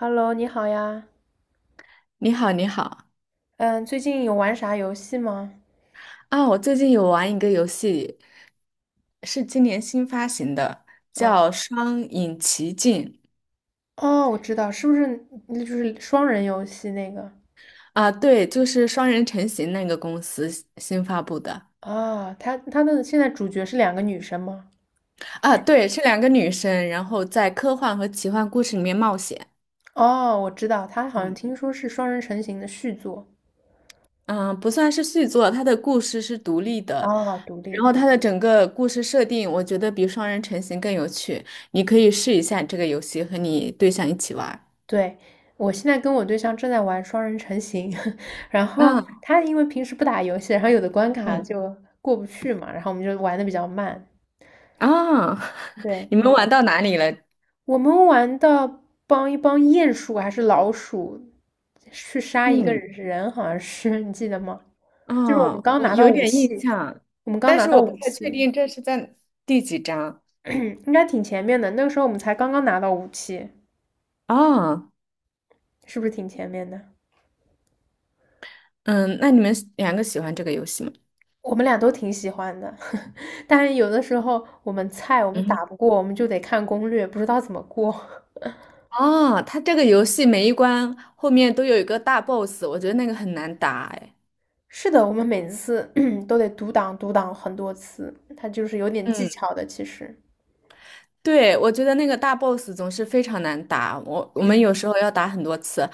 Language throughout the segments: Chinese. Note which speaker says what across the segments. Speaker 1: Hello，你好呀。
Speaker 2: 你好，你好。
Speaker 1: 嗯，最近有玩啥游戏吗？
Speaker 2: 啊！我最近有玩一个游戏，是今年新发行的，
Speaker 1: 嗯，
Speaker 2: 叫《双影奇境》。
Speaker 1: 哦，我知道，是不是那就是双人游戏那个？
Speaker 2: 啊，对，就是双人成行那个公司新发布的。
Speaker 1: 啊，他的现在主角是两个女生吗？
Speaker 2: 啊，对，是两个女生，然后在科幻和奇幻故事里面冒险。
Speaker 1: 哦，我知道，他好像
Speaker 2: 嗯，
Speaker 1: 听说是双人成行的续作。
Speaker 2: 嗯，不算是续作，它的故事是独立的，
Speaker 1: 哦，独立
Speaker 2: 然后
Speaker 1: 的。
Speaker 2: 它的整个故事设定，我觉得比双人成行更有趣。你可以试一下这个游戏，和你对象一起玩儿。
Speaker 1: 对，我现在跟我对象正在玩双人成行，然后
Speaker 2: 啊，
Speaker 1: 他因为平时不打游戏，然后有的关卡
Speaker 2: 嗯。
Speaker 1: 就过不去嘛，然后我们就玩的比较慢。
Speaker 2: 啊，
Speaker 1: 对，
Speaker 2: 你们
Speaker 1: 嗯。
Speaker 2: 玩到哪里了？
Speaker 1: 我们玩的帮一帮鼹鼠还是老鼠去杀一个
Speaker 2: 嗯，
Speaker 1: 人，好像是 你记得吗？就是我们
Speaker 2: 啊，
Speaker 1: 刚
Speaker 2: 我
Speaker 1: 拿到
Speaker 2: 有
Speaker 1: 武
Speaker 2: 点印
Speaker 1: 器，
Speaker 2: 象，
Speaker 1: 我们刚
Speaker 2: 但
Speaker 1: 拿
Speaker 2: 是
Speaker 1: 到
Speaker 2: 我不
Speaker 1: 武
Speaker 2: 太
Speaker 1: 器，
Speaker 2: 确定这是在第几章。
Speaker 1: 应该挺前面的。那个时候我们才刚刚拿到武器，
Speaker 2: 啊。
Speaker 1: 是不是挺前面的？
Speaker 2: 嗯，那你们两个喜欢这个游戏吗？
Speaker 1: 我们俩都挺喜欢的，但是有的时候我们菜我们
Speaker 2: 嗯
Speaker 1: 打
Speaker 2: 哼。
Speaker 1: 不过，我们就得看攻略，不知道怎么过。
Speaker 2: 哦，它这个游戏每一关后面都有一个大 boss,我觉得那个很难打，哎。
Speaker 1: 是的，我们每次 都得读档读档很多次，它就是有点技
Speaker 2: 嗯，
Speaker 1: 巧的，其实。
Speaker 2: 对，我觉得那个大 boss 总是非常难打，我们
Speaker 1: 嗯，
Speaker 2: 有时候要打很多次，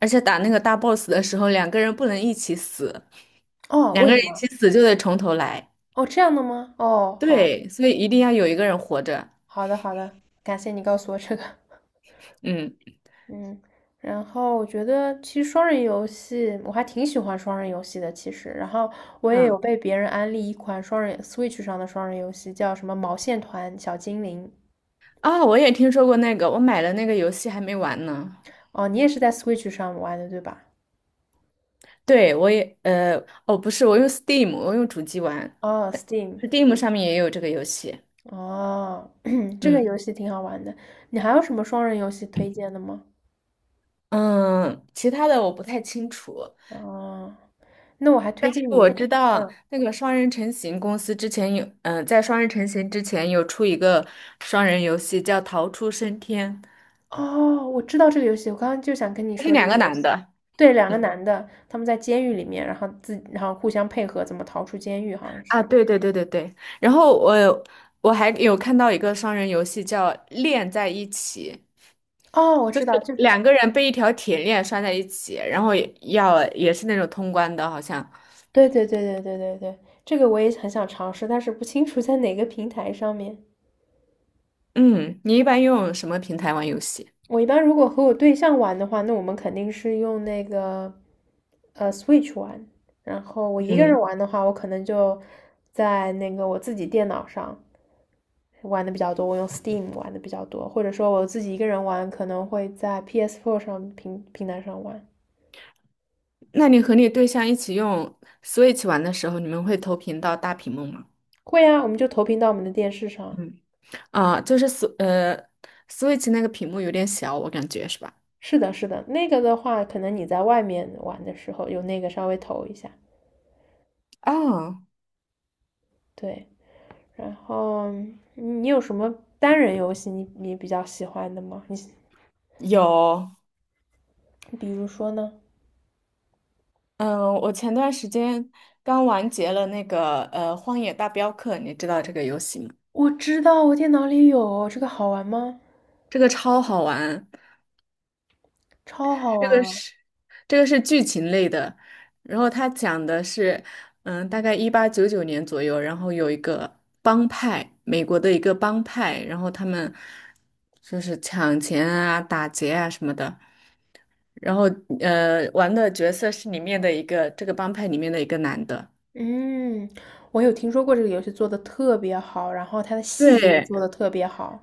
Speaker 2: 而且打那个大 boss 的时候，两个人不能一起死，
Speaker 1: 哦，
Speaker 2: 两
Speaker 1: 为
Speaker 2: 个
Speaker 1: 什
Speaker 2: 人一
Speaker 1: 么？
Speaker 2: 起死就得从头来。
Speaker 1: 哦，这样的吗？哦，好，
Speaker 2: 对，所以一定要有一个人活着。
Speaker 1: 好的，好的，感谢你告诉我这个。
Speaker 2: 嗯
Speaker 1: 嗯，然后我觉得其实双人游戏我还挺喜欢双人游戏的，其实，然后我也有
Speaker 2: 嗯。
Speaker 1: 被别人安利一款双人 Switch 上的双人游戏，叫什么毛线团小精灵。
Speaker 2: 啊、我也听说过那个，我买了那个游戏还没玩呢。
Speaker 1: 哦，你也是在 Switch 上玩的，对吧？
Speaker 2: 对，我也哦，不是，我用 Steam,我用主机玩
Speaker 1: 哦，Steam，
Speaker 2: ，Steam 上面也有这个游戏。
Speaker 1: 哦，这个
Speaker 2: 嗯。
Speaker 1: 游戏挺好玩的。你还有什么双人游戏推荐的吗？
Speaker 2: 嗯，其他的我不太清楚，
Speaker 1: 哦，那我还推荐
Speaker 2: 我
Speaker 1: 你。
Speaker 2: 知道
Speaker 1: 嗯。
Speaker 2: 那个双人成行公司之前有，嗯、在双人成行之前有出一个双人游戏叫《逃出升天》，
Speaker 1: 哦，我知道这个游戏，我刚刚就想跟你
Speaker 2: 它是
Speaker 1: 说这
Speaker 2: 两
Speaker 1: 个
Speaker 2: 个
Speaker 1: 游
Speaker 2: 男
Speaker 1: 戏。
Speaker 2: 的。
Speaker 1: 对，两个
Speaker 2: 嗯。
Speaker 1: 男的，他们在监狱里面，然后互相配合，怎么逃出监狱，好像
Speaker 2: 啊，
Speaker 1: 是。
Speaker 2: 对对对对对，然后我还有看到一个双人游戏叫链在一起，
Speaker 1: 哦，我
Speaker 2: 就
Speaker 1: 知
Speaker 2: 是
Speaker 1: 道，就
Speaker 2: 两个人被一条铁链拴在一起，然后也是那种通关的，好像。
Speaker 1: 对对对对对对对，这个我也很想尝试，但是不清楚在哪个平台上面。
Speaker 2: 嗯，你一般用什么平台玩游戏？
Speaker 1: 我一般如果和我对象玩的话，那我们肯定是用那个Switch 玩，然后我一个人
Speaker 2: 嗯，
Speaker 1: 玩的话，我可能就在那个我自己电脑上。玩的比较多，我用 Steam 玩的比较多，或者说我自己一个人玩，可能会在 PS4 上台上玩。
Speaker 2: 那你和你对象一起用 Switch 玩的时候，你们会投屏到大屏幕吗？
Speaker 1: 会啊，我们就投屏到我们的电视上。
Speaker 2: 嗯，啊，就是 Switch 那个屏幕有点小，我感觉是吧？
Speaker 1: 是的，是的，那个的话，可能你在外面玩的时候用那个稍微投一下。
Speaker 2: 啊，
Speaker 1: 对，然后你有什么单人游戏你比较喜欢的吗？你
Speaker 2: 有。
Speaker 1: 比如说呢？
Speaker 2: 嗯，我前段时间刚完结了那个《荒野大镖客》，你知道这个游戏吗？
Speaker 1: 我知道我电脑里有这个好玩吗？
Speaker 2: 这个超好玩，
Speaker 1: 超好
Speaker 2: 这个
Speaker 1: 玩啊！
Speaker 2: 是这个是剧情类的，然后它讲的是，嗯，大概1899年左右，然后有一个帮派，美国的一个帮派，然后他们就是抢钱啊、打劫啊什么的，然后玩的角色是里面的一个这个帮派里面的一个男的。
Speaker 1: 嗯，我有听说过这个游戏做的特别好，然后它的细节也
Speaker 2: 对，
Speaker 1: 做的特别好。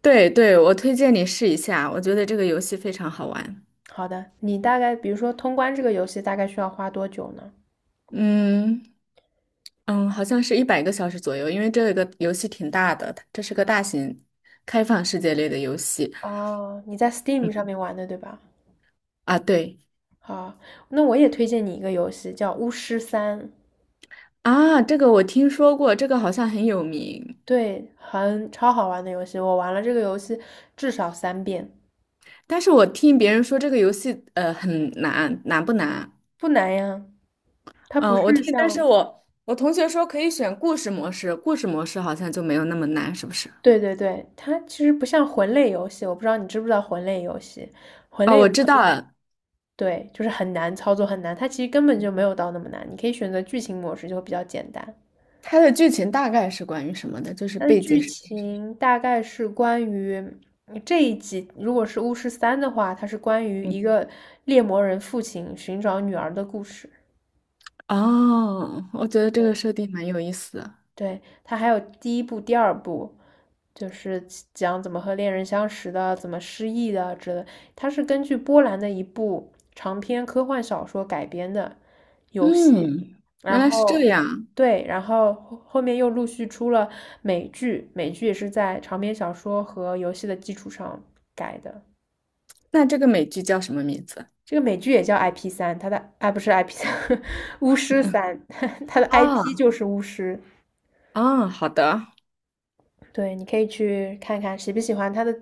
Speaker 2: 对对，我推荐你试一下，我觉得这个游戏非常好玩。
Speaker 1: 好的，你大概比如说通关这个游戏大概需要花多久呢？
Speaker 2: 嗯。嗯，好像是100个小时左右，因为这个游戏挺大的，它这是个大型开放世界类的游戏
Speaker 1: 哦，你在 Steam 上面玩的对吧？
Speaker 2: 啊。对
Speaker 1: 好，那我也推荐你一个游戏叫《巫师三》，
Speaker 2: 啊，这个我听说过，这个好像很有名，
Speaker 1: 对，很超好玩的游戏，我玩了这个游戏至少三遍，
Speaker 2: 但是我听别人说这个游戏很难，难不难？
Speaker 1: 不难呀。它
Speaker 2: 嗯，
Speaker 1: 不是
Speaker 2: 但是
Speaker 1: 像，
Speaker 2: 我同学说可以选故事模式，故事模式好像就没有那么难，是不是？
Speaker 1: 对对对，它其实不像魂类游戏，我不知道你知不知道魂类游戏，魂
Speaker 2: 哦，
Speaker 1: 类
Speaker 2: 我
Speaker 1: 游
Speaker 2: 知
Speaker 1: 戏就
Speaker 2: 道了，
Speaker 1: 对，就是很难操作，很难。它其实根本就没有到那么难，你可以选择剧情模式，就会比较简单。
Speaker 2: 它的剧情大概是关于什么的，就是
Speaker 1: 它的
Speaker 2: 背景
Speaker 1: 剧
Speaker 2: 是。
Speaker 1: 情大概是关于这一集，如果是巫师三的话，它是关于
Speaker 2: 嗯。
Speaker 1: 一个猎魔人父亲寻找女儿的故事。
Speaker 2: 哦，我觉得这个设定蛮有意思的。
Speaker 1: 对，它还有第一部、第二部，就是讲怎么和恋人相识的，怎么失忆的之类。它是根据波兰的一部长篇科幻小说改编的游戏，
Speaker 2: 嗯，原
Speaker 1: 然
Speaker 2: 来是这
Speaker 1: 后
Speaker 2: 样。
Speaker 1: 对，然后后面又陆续出了美剧，美剧也是在长篇小说和游戏的基础上改的。
Speaker 2: 那这个美剧叫什么名字？
Speaker 1: 这个美剧也叫 IP 三，它的啊不是 IP 三，巫师三，它的 IP
Speaker 2: 啊。
Speaker 1: 就是巫师。
Speaker 2: 啊，好的。
Speaker 1: 对，你可以去看看喜不喜欢它的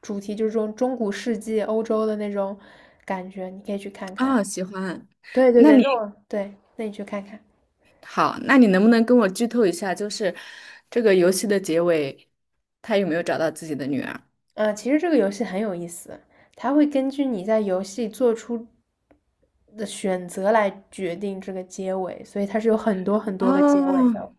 Speaker 1: 主题，就是这种中古世纪欧洲的那种感觉，你可以去看看。
Speaker 2: 啊，喜欢。
Speaker 1: 对对
Speaker 2: 那
Speaker 1: 对，
Speaker 2: 你
Speaker 1: 那我对，那你去看看。
Speaker 2: 好,那你能不能跟我剧透一下，就是这个游戏的结尾，他有没有找到自己的女儿？
Speaker 1: 其实这个游戏很有意思，它会根据你在游戏做出的选择来决定这个结尾，所以它是有很多很多个结尾
Speaker 2: 哦，
Speaker 1: 的。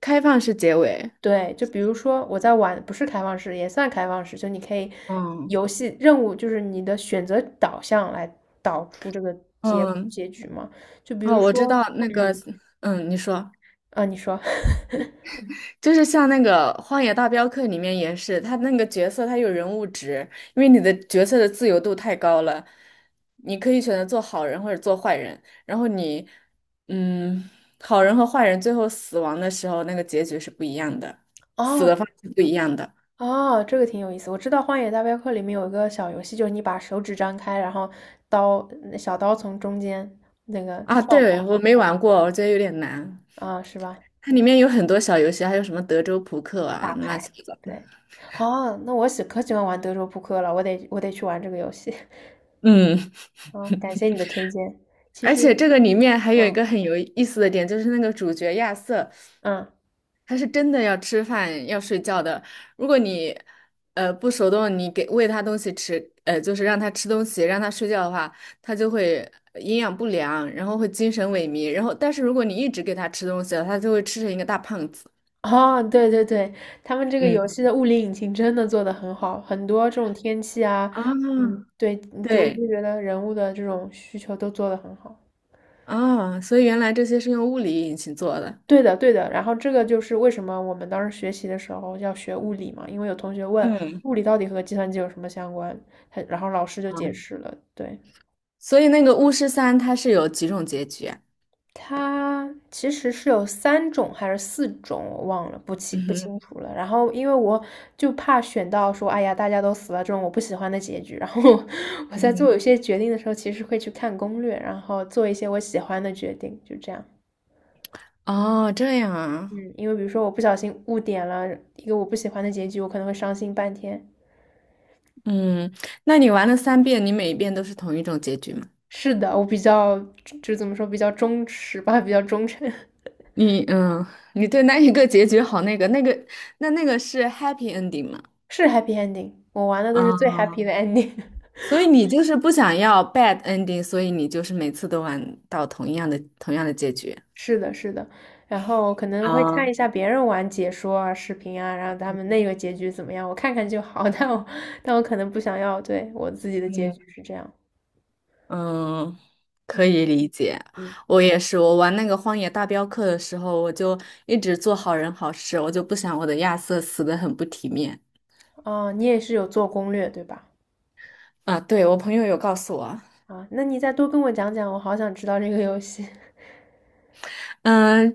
Speaker 2: 开放式结尾。
Speaker 1: 对，就比如说我在玩，不是开放式，也算开放式，就你可以
Speaker 2: 嗯
Speaker 1: 游戏任务就是你的选择导向来导出这个
Speaker 2: 嗯，
Speaker 1: 局嘛。就比如
Speaker 2: 哦，我知
Speaker 1: 说，
Speaker 2: 道那个，
Speaker 1: 嗯，
Speaker 2: 嗯，你说。
Speaker 1: 啊，你说，
Speaker 2: 就是像那个《荒野大镖客》里面也是，他那个角色他有人物值，因为你的角色的自由度太高了，你可以选择做好人或者做坏人，然后嗯，好人和 坏人最后死亡的时候，那个结局是不一样的，死的
Speaker 1: 哦
Speaker 2: 方式不一样的。
Speaker 1: 哦，这个挺有意思。我知道《荒野大镖客》里面有一个小游戏，就是你把手指张开，然后刀小刀从中间那个
Speaker 2: 啊，
Speaker 1: 跳
Speaker 2: 对，
Speaker 1: 过
Speaker 2: 我没玩过，我觉得有点难。
Speaker 1: 啊，是吧？
Speaker 2: 它
Speaker 1: 对，
Speaker 2: 里面有很多小游戏，还有什么德州扑克啊，
Speaker 1: 打
Speaker 2: 乱
Speaker 1: 牌，
Speaker 2: 七八糟。
Speaker 1: 对。哦，那我可喜欢玩德州扑克了，我得去玩这个游戏。
Speaker 2: 嗯，
Speaker 1: 哦，感谢你的推荐。其
Speaker 2: 而
Speaker 1: 实，
Speaker 2: 且这个里面还有一
Speaker 1: 嗯
Speaker 2: 个很有意思的点，就是那个主角亚瑟。
Speaker 1: 嗯，
Speaker 2: 它是真的要吃饭要睡觉的。如果你不手动，你给喂它东西吃，就是让它吃东西，让它睡觉的话，它就会营养不良，然后会精神萎靡。然后，但是如果你一直给它吃东西了，它就会吃成一个大胖子。
Speaker 1: 哦，对对对，他们这个游
Speaker 2: 嗯。
Speaker 1: 戏的物理引擎真的做得很好，很多这种天气啊，
Speaker 2: 啊，
Speaker 1: 嗯，对，就我
Speaker 2: 对
Speaker 1: 就觉得人物的这种需求都做得很好。
Speaker 2: 啊，所以原来这些是用物理引擎做的。
Speaker 1: 对的，对的。然后这个就是为什么我们当时学习的时候要学物理嘛，因为有同学问
Speaker 2: 嗯，
Speaker 1: 物理到底和计算机有什么相关，他然后老师就解释了，对。
Speaker 2: 所以那个巫师三它是有几种结局啊？
Speaker 1: 它其实是有三种还是四种，我忘了，不清
Speaker 2: 嗯
Speaker 1: 不
Speaker 2: 哼，
Speaker 1: 清楚了。然后因为我就怕选到说，哎呀，大家都死了这种我不喜欢的结局。然后 我
Speaker 2: 嗯
Speaker 1: 在做
Speaker 2: 哼。
Speaker 1: 有些决定的时候，其实会去看攻略，然后做一些我喜欢的决定，就这样。
Speaker 2: 哦，这样啊。
Speaker 1: 嗯，因为比如说我不小心误点了一个我不喜欢的结局，我可能会伤心半天。
Speaker 2: 嗯，那你玩了三遍，你每一遍都是同一种结局吗？
Speaker 1: 是的，我比较就怎么说，比较忠实吧，比较忠诚，
Speaker 2: 你嗯，你对那一个结局那个是 happy ending 吗？
Speaker 1: 是 happy ending。我玩的都是最
Speaker 2: 啊，
Speaker 1: happy 的 ending。
Speaker 2: 所以你就是不想要 bad ending,所以你就是每次都玩到同样的结局。
Speaker 1: 是的，是的，然后可能会看一
Speaker 2: 啊，
Speaker 1: 下别人玩解说啊、视频啊，然后他们那个结局怎么样，我看看就好。但我可能不想要，对，我自己的结
Speaker 2: 嗯
Speaker 1: 局是这样。
Speaker 2: 嗯，可
Speaker 1: 嗯
Speaker 2: 以理解。
Speaker 1: 嗯，
Speaker 2: 我也是，我玩那个《荒野大镖客》的时候，我就一直做好人好事，我就不想我的亚瑟死的很不体面。
Speaker 1: 哦，你也是有做攻略对吧？
Speaker 2: 啊，对，我朋友有告诉我。
Speaker 1: 啊，那你再多跟我讲讲，我好想知道这个游戏。
Speaker 2: 嗯，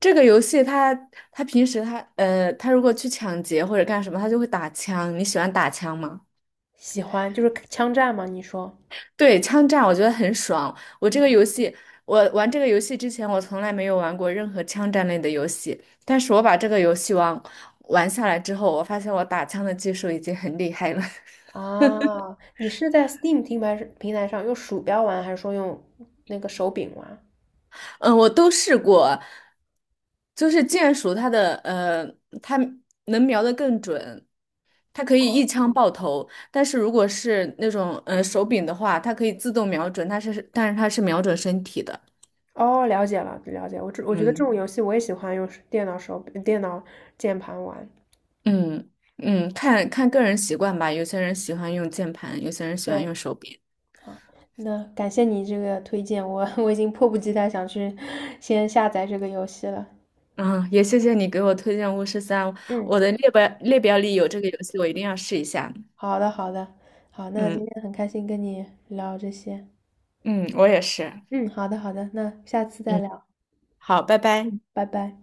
Speaker 2: 这个游戏它平时它它如果去抢劫或者干什么，它就会打枪。你喜欢打枪吗？
Speaker 1: 喜欢就是枪战吗？你说，
Speaker 2: 对，枪战我觉得很爽。我这个
Speaker 1: 嗯
Speaker 2: 游戏，我玩这个游戏之前，我从来没有玩过任何枪战类的游戏。但是我把这个游戏玩下来之后，我发现我打枪的技术已经很厉害了。
Speaker 1: 啊，你是在 Steam 平台上用鼠标玩，还是说用那个手柄玩？
Speaker 2: 嗯，我都试过，就是剑术它的它能瞄得更准。它可以一枪爆头，但是如果是那种手柄的话，它可以自动瞄准，但是它是瞄准身体的。
Speaker 1: 哦，了解了，了解。我觉得这
Speaker 2: 嗯，
Speaker 1: 种游戏我也喜欢用手电脑手电脑键盘玩。
Speaker 2: 嗯嗯，看看个人习惯吧，有些人喜欢用键盘，有些人喜欢
Speaker 1: 对，
Speaker 2: 用手柄。
Speaker 1: 那感谢你这个推荐，我 我已经迫不及待想去先下载这个游戏了。
Speaker 2: 嗯，也谢谢你给我推荐巫师三，
Speaker 1: 嗯，
Speaker 2: 我的列表里有这个游戏，我一定要试一下。
Speaker 1: 好的，好的，好，那今
Speaker 2: 嗯
Speaker 1: 天很开心跟你聊这些。
Speaker 2: 嗯，我也是。
Speaker 1: 嗯，好的，好的，那下次再
Speaker 2: 嗯，
Speaker 1: 聊。
Speaker 2: 好，拜拜。
Speaker 1: 嗯，拜拜。